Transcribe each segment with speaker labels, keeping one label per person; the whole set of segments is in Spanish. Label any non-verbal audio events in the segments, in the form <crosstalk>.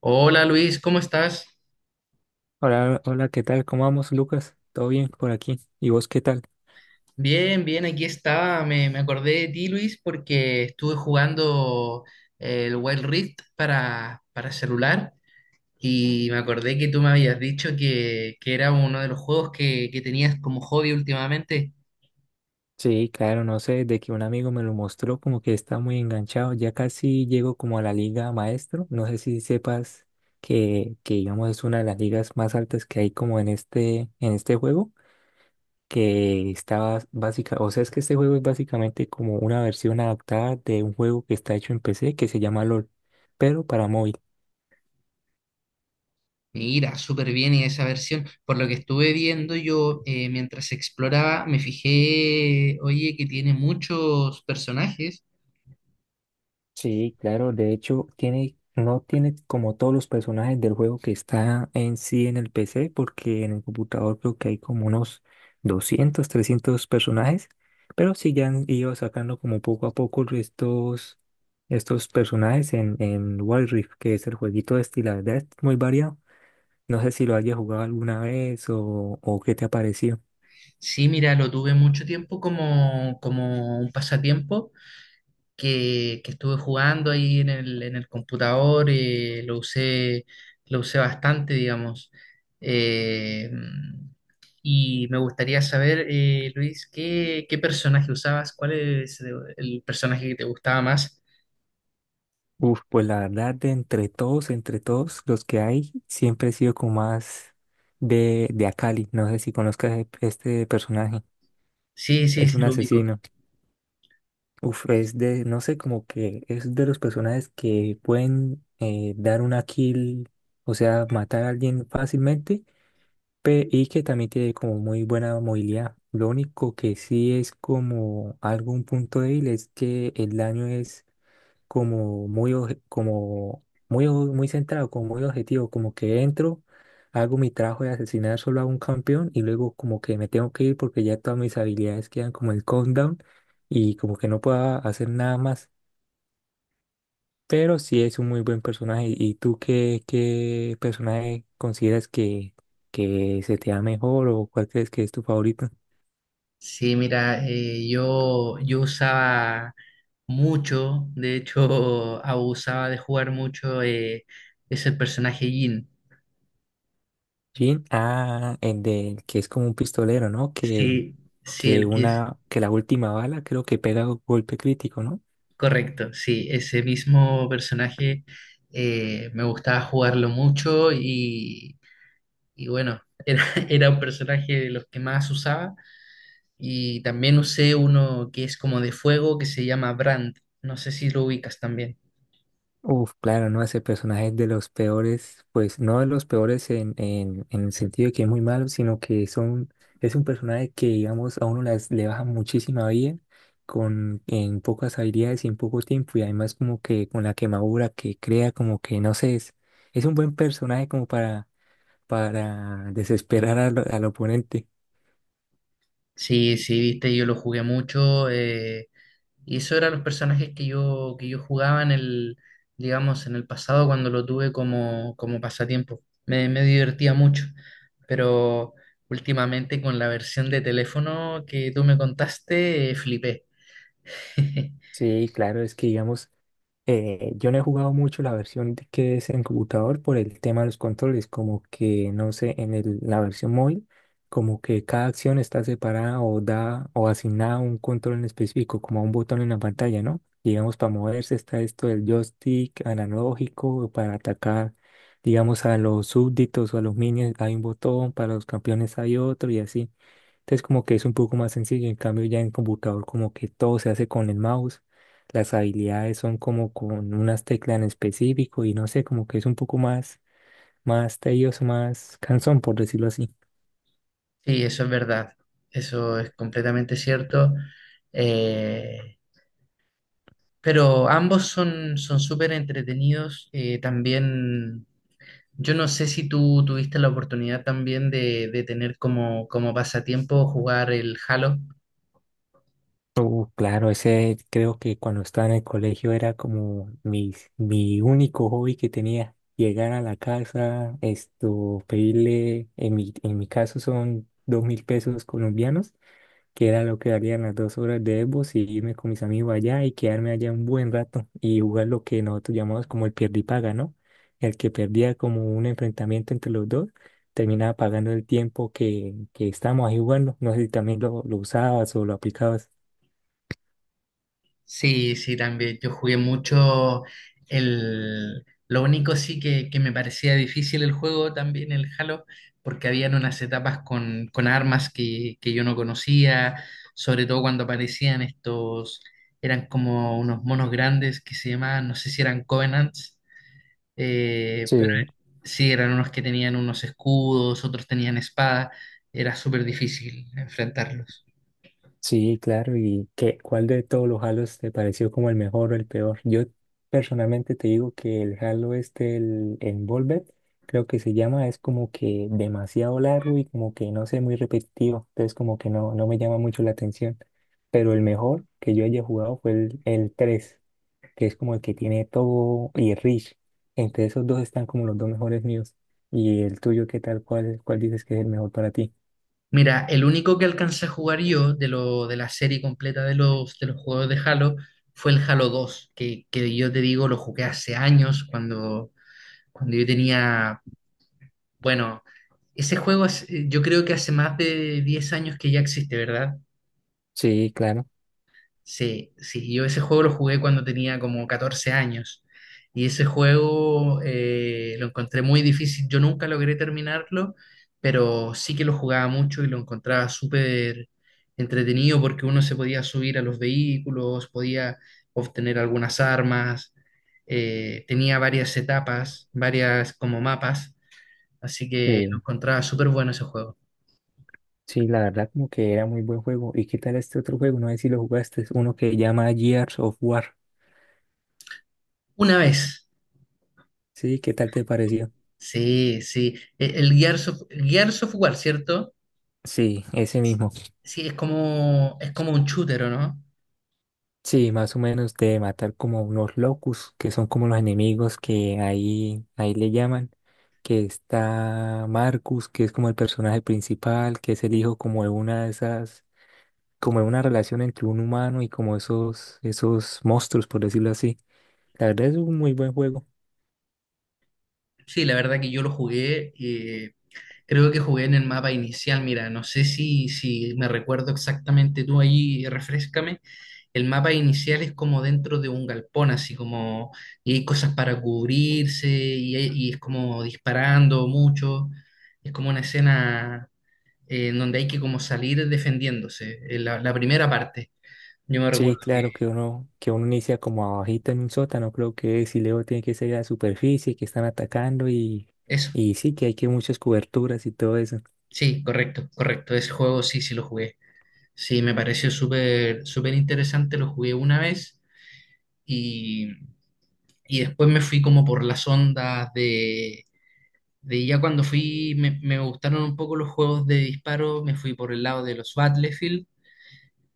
Speaker 1: Hola Luis, ¿cómo estás?
Speaker 2: Hola, hola, ¿qué tal? ¿Cómo vamos, Lucas? ¿Todo bien por aquí? ¿Y vos qué tal?
Speaker 1: Bien, bien, aquí estaba. Me acordé de ti, Luis, porque estuve jugando el Wild Rift para celular y me acordé que tú me habías dicho que era uno de los juegos que tenías como hobby últimamente.
Speaker 2: Sí, claro, no sé, de que un amigo me lo mostró, como que está muy enganchado, ya casi llego como a la liga maestro, no sé si sepas que digamos es una de las ligas más altas que hay como en este juego, que está básica, o sea, es que este juego es básicamente como una versión adaptada de un juego que está hecho en PC que se llama LOL, pero para móvil.
Speaker 1: Mira, súper bien y esa versión. Por lo que estuve viendo yo mientras exploraba, me fijé, oye, que tiene muchos personajes.
Speaker 2: Sí, claro, de hecho tiene, no tiene como todos los personajes del juego que está en sí en el PC, porque en el computador creo que hay como unos 200, 300 personajes, pero sí ya han ido sacando como poco a poco estos personajes en Wild Rift, que es el jueguito este, y la verdad es muy variado. No sé si lo hayas jugado alguna vez o qué te ha parecido.
Speaker 1: Sí, mira, lo tuve mucho tiempo como un pasatiempo que estuve jugando ahí en en el computador, lo usé bastante, digamos. Eh, y me gustaría saber, Luis, qué personaje usabas? ¿Cuál es el personaje que te gustaba más?
Speaker 2: Uf, pues la verdad, entre todos los que hay, siempre he sido como más de Akali. No sé si conozcas este personaje.
Speaker 1: Sí, sí,
Speaker 2: Es
Speaker 1: sí,
Speaker 2: un
Speaker 1: lo ubico.
Speaker 2: asesino. Uf, es de, no sé, como que es de los personajes que pueden dar una kill, o sea, matar a alguien fácilmente, y que también tiene como muy buena movilidad. Lo único que sí es como algún punto débil es que el daño es como muy, muy centrado, como muy objetivo, como que entro, hago mi trabajo de asesinar solo a un campeón y luego como que me tengo que ir porque ya todas mis habilidades quedan como el countdown y como que no puedo hacer nada más. Pero sí es un muy buen personaje. ¿Y tú qué, qué personaje consideras que se te da mejor o cuál crees que es tu favorito?
Speaker 1: Sí, mira, yo usaba mucho, de hecho, <laughs> abusaba de jugar mucho, es el personaje Jin.
Speaker 2: Jin, ah, el del que es como un pistolero, ¿no?
Speaker 1: Sí, sí, el que es.
Speaker 2: Que la última bala creo que pega golpe crítico, ¿no?
Speaker 1: Correcto, sí, ese mismo personaje me gustaba jugarlo mucho y bueno, <laughs> era un personaje de los que más usaba y también usé uno que es como de fuego que se llama Brand, no sé si lo ubicas también.
Speaker 2: Uf, claro, no, ese personaje es de los peores, pues no de los peores en el sentido de que es muy malo, sino que son, es un personaje que, digamos, a uno las, le baja muchísima vida con, en pocas habilidades y en poco tiempo, y además como que con la quemadura que crea, como que, no sé, es un buen personaje como para desesperar al, al oponente.
Speaker 1: Sí, sí, viste, yo lo jugué mucho, y eso eran los personajes que que yo jugaba en el, digamos, en el pasado cuando lo tuve como, como pasatiempo. Me divertía mucho, pero últimamente con la versión de teléfono que tú me contaste, flipé. <laughs>
Speaker 2: Sí, claro, es que digamos... Yo no he jugado mucho la versión que es en computador por el tema de los controles, como que, no sé, en la versión móvil, como que cada acción está separada o da o asignada a un control en específico, como a un botón en la pantalla, ¿no? Digamos, para moverse está esto del joystick analógico, para atacar, digamos, a los súbditos o a los minions hay un botón, para los campeones hay otro y así. Entonces como que es un poco más sencillo, en cambio ya en computador como que todo se hace con el mouse, las habilidades son como con unas teclas en específico y no sé, como que es un poco más, más tedioso, más cansón, por decirlo así.
Speaker 1: Sí, eso es verdad, eso es completamente cierto. Eh, pero ambos son súper entretenidos. También yo no sé si tú tuviste la oportunidad también de tener como, como pasatiempo jugar el Halo.
Speaker 2: Claro, ese creo que cuando estaba en el colegio era como mi único hobby que tenía. Llegar a la casa, esto, pedirle, en mi caso son 2.000 pesos colombianos que era lo que darían las 2 horas de Xbox y irme con mis amigos allá y quedarme allá un buen rato y jugar lo que nosotros llamamos como el pierde y paga, ¿no? El que perdía como un enfrentamiento entre los dos, terminaba pagando el tiempo que estábamos ahí jugando. No sé si también lo usabas o lo aplicabas.
Speaker 1: Sí, sí, también. Yo jugué mucho el... Lo único sí que me parecía difícil el juego también, el Halo, porque habían unas etapas con armas que yo no conocía, sobre todo cuando aparecían estos, eran como unos monos grandes que se llamaban, no sé si eran Covenants.
Speaker 2: Sí.
Speaker 1: Pero sí, eran unos que tenían unos escudos, otros tenían espada. Era súper difícil enfrentarlos.
Speaker 2: Sí, claro. ¿Y qué, cuál de todos los Halos te pareció como el mejor o el peor? Yo personalmente te digo que el Halo este, el Envolver, creo que se llama, es como que demasiado largo y como que no sé, muy repetitivo. Entonces como que no, no me llama mucho la atención. Pero el mejor que yo haya jugado fue el 3, que es como el que tiene todo, y Rich. Entre esos dos están como los dos mejores míos. ¿Y el tuyo qué tal? ¿Cuál, cuál dices que es el mejor para ti?
Speaker 1: Mira, el único que alcancé a jugar yo de la serie completa de de los juegos de Halo fue el Halo dos que yo te digo lo jugué hace años cuando, cuando yo tenía, bueno, ese juego yo creo que hace más de 10 años que ya existe, ¿verdad?
Speaker 2: Sí, claro.
Speaker 1: Sí, sí, yo ese juego lo jugué cuando tenía como 14 años y ese juego lo encontré muy difícil. Yo nunca logré terminarlo, pero sí que lo jugaba mucho y lo encontraba súper entretenido porque uno se podía subir a los vehículos, podía obtener algunas armas, tenía varias etapas, varias como mapas, así que lo
Speaker 2: Sí.
Speaker 1: encontraba súper bueno ese juego.
Speaker 2: Sí, la verdad como que era muy buen juego. ¿Y qué tal este otro juego? No sé si lo jugaste, es uno que llama Gears of War.
Speaker 1: Una vez,
Speaker 2: Sí, ¿qué tal te pareció?
Speaker 1: sí, sí, el Gears of War, ¿cierto?
Speaker 2: Sí, ese mismo.
Speaker 1: Sí, es como un shooter, ¿o no?
Speaker 2: Sí, más o menos de matar como unos locus, que son como los enemigos que ahí, ahí le llaman, que está Marcus, que es como el personaje principal, que es el hijo como de una de esas, como de una relación entre un humano y como esos, esos monstruos, por decirlo así. La verdad es un muy buen juego.
Speaker 1: Sí, la verdad que yo lo jugué, creo que jugué en el mapa inicial, mira, no sé si me recuerdo exactamente tú ahí, refrescame. El mapa inicial es como dentro de un galpón, así como, y hay cosas para cubrirse, y, y es como disparando mucho, es como una escena en donde hay que como salir defendiéndose, la, la primera parte, yo me
Speaker 2: Sí,
Speaker 1: recuerdo que
Speaker 2: claro que uno inicia como abajito en un sótano, creo que si luego tiene que salir a la superficie, que están atacando
Speaker 1: eso,
Speaker 2: y sí, que hay que muchas coberturas y todo eso.
Speaker 1: sí, correcto, correcto, ese juego sí, sí lo jugué. Sí, me pareció súper súper interesante, lo jugué una vez y, y después me fui como por las ondas de ya cuando fui, me gustaron un poco los juegos de disparo, me fui por el lado de los Battlefield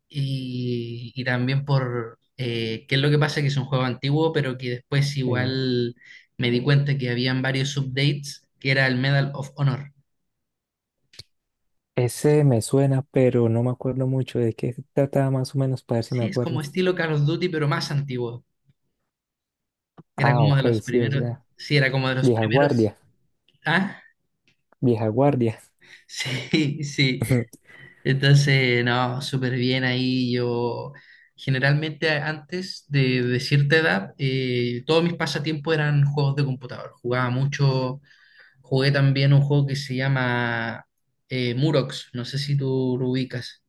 Speaker 1: y también por, qué es lo que pasa, que es un juego antiguo, pero que después
Speaker 2: Sí.
Speaker 1: igual me di cuenta que habían varios updates, que era el Medal of Honor.
Speaker 2: Ese me suena, pero no me acuerdo mucho de qué se trataba más o menos para ver si me
Speaker 1: Sí, es como
Speaker 2: acuerdo.
Speaker 1: estilo Call of Duty, pero más antiguo. Era
Speaker 2: Ah,
Speaker 1: como de
Speaker 2: ok,
Speaker 1: los
Speaker 2: sí, o
Speaker 1: primeros,
Speaker 2: sea,
Speaker 1: sí, era como de los
Speaker 2: vieja
Speaker 1: primeros.
Speaker 2: guardia,
Speaker 1: ¿Ah?
Speaker 2: vieja guardia.
Speaker 1: Sí, sí.
Speaker 2: <laughs>
Speaker 1: Entonces, no, súper bien ahí. Yo generalmente antes de cierta edad, todos mis pasatiempos eran juegos de computador. Jugaba mucho, jugué también un juego que se llama Murox, no sé si tú lo ubicas.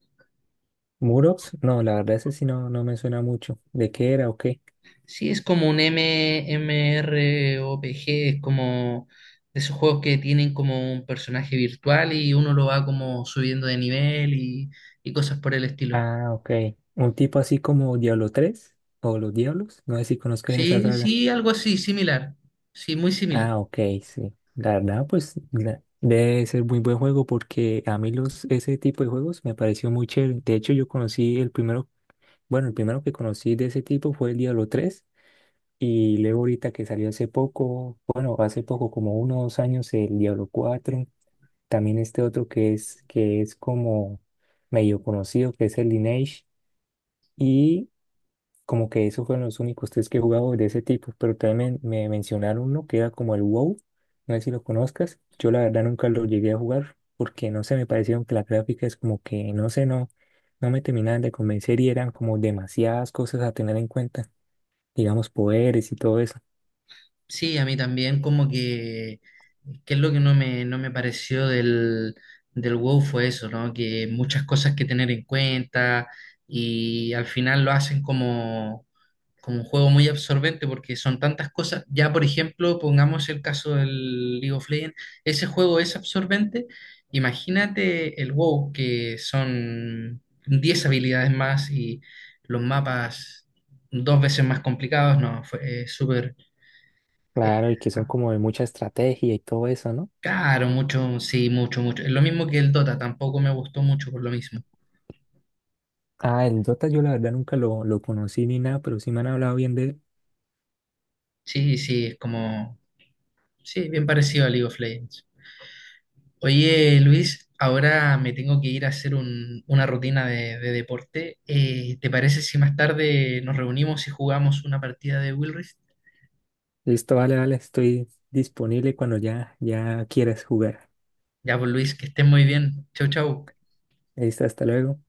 Speaker 2: ¿Murox? No, la verdad ese sí no, no me suena mucho. ¿De qué era o qué?
Speaker 1: Sí, es como un MMORPG, es como de esos juegos que tienen como un personaje virtual y uno lo va como subiendo de nivel y cosas por el estilo.
Speaker 2: Ah, ok. Un tipo así como Diablo 3 o los Diablos, no sé si conozcas esa
Speaker 1: Sí,
Speaker 2: saga.
Speaker 1: sí, algo así, similar. Sí, muy similar.
Speaker 2: Ah, ok, sí. La verdad, pues debe ser muy buen juego porque a mí los, ese tipo de juegos me pareció muy chévere. De hecho, yo conocí el primero, bueno, el primero que conocí de ese tipo fue el Diablo 3 y luego ahorita que salió hace poco, bueno, hace poco, como 1 o 2 años, el Diablo 4. También este otro que es como medio conocido, que es el Lineage. Como que esos fueron los únicos tres que he jugado de ese tipo, pero también me mencionaron uno que era como el WoW, no sé si lo conozcas, yo la verdad nunca lo llegué a jugar porque no sé, me parecieron que las gráficas como que, no sé, no, no me terminaban de convencer y eran como demasiadas cosas a tener en cuenta, digamos poderes y todo eso.
Speaker 1: Sí, a mí también como que es lo que no me, no me pareció del WoW fue eso, ¿no? Que muchas cosas que tener en cuenta y al final lo hacen como, como un juego muy absorbente porque son tantas cosas. Ya, por ejemplo, pongamos el caso del League of Legends, ese juego es absorbente. Imagínate el WoW, que son 10 habilidades más y los mapas dos veces más complicados, no, fue súper eh,
Speaker 2: Claro, y que son como de mucha estrategia y todo eso, ¿no?
Speaker 1: caro, mucho, sí, mucho, mucho. Es lo mismo que el Dota, tampoco me gustó mucho por lo mismo.
Speaker 2: Ah, el Dota yo la verdad nunca lo, lo conocí ni nada, pero sí me han hablado bien de él.
Speaker 1: Sí, sí, es como, sí, bien parecido a League of Legends. Oye, Luis, ahora me tengo que ir a hacer una rutina de deporte. ¿Te parece si más tarde nos reunimos y jugamos una partida de Will Rift?
Speaker 2: Listo, vale, vale, estoy disponible cuando ya, ya quieras jugar.
Speaker 1: Ya, pues Luis, que estés muy bien. Chau, chau.
Speaker 2: Listo, hasta luego.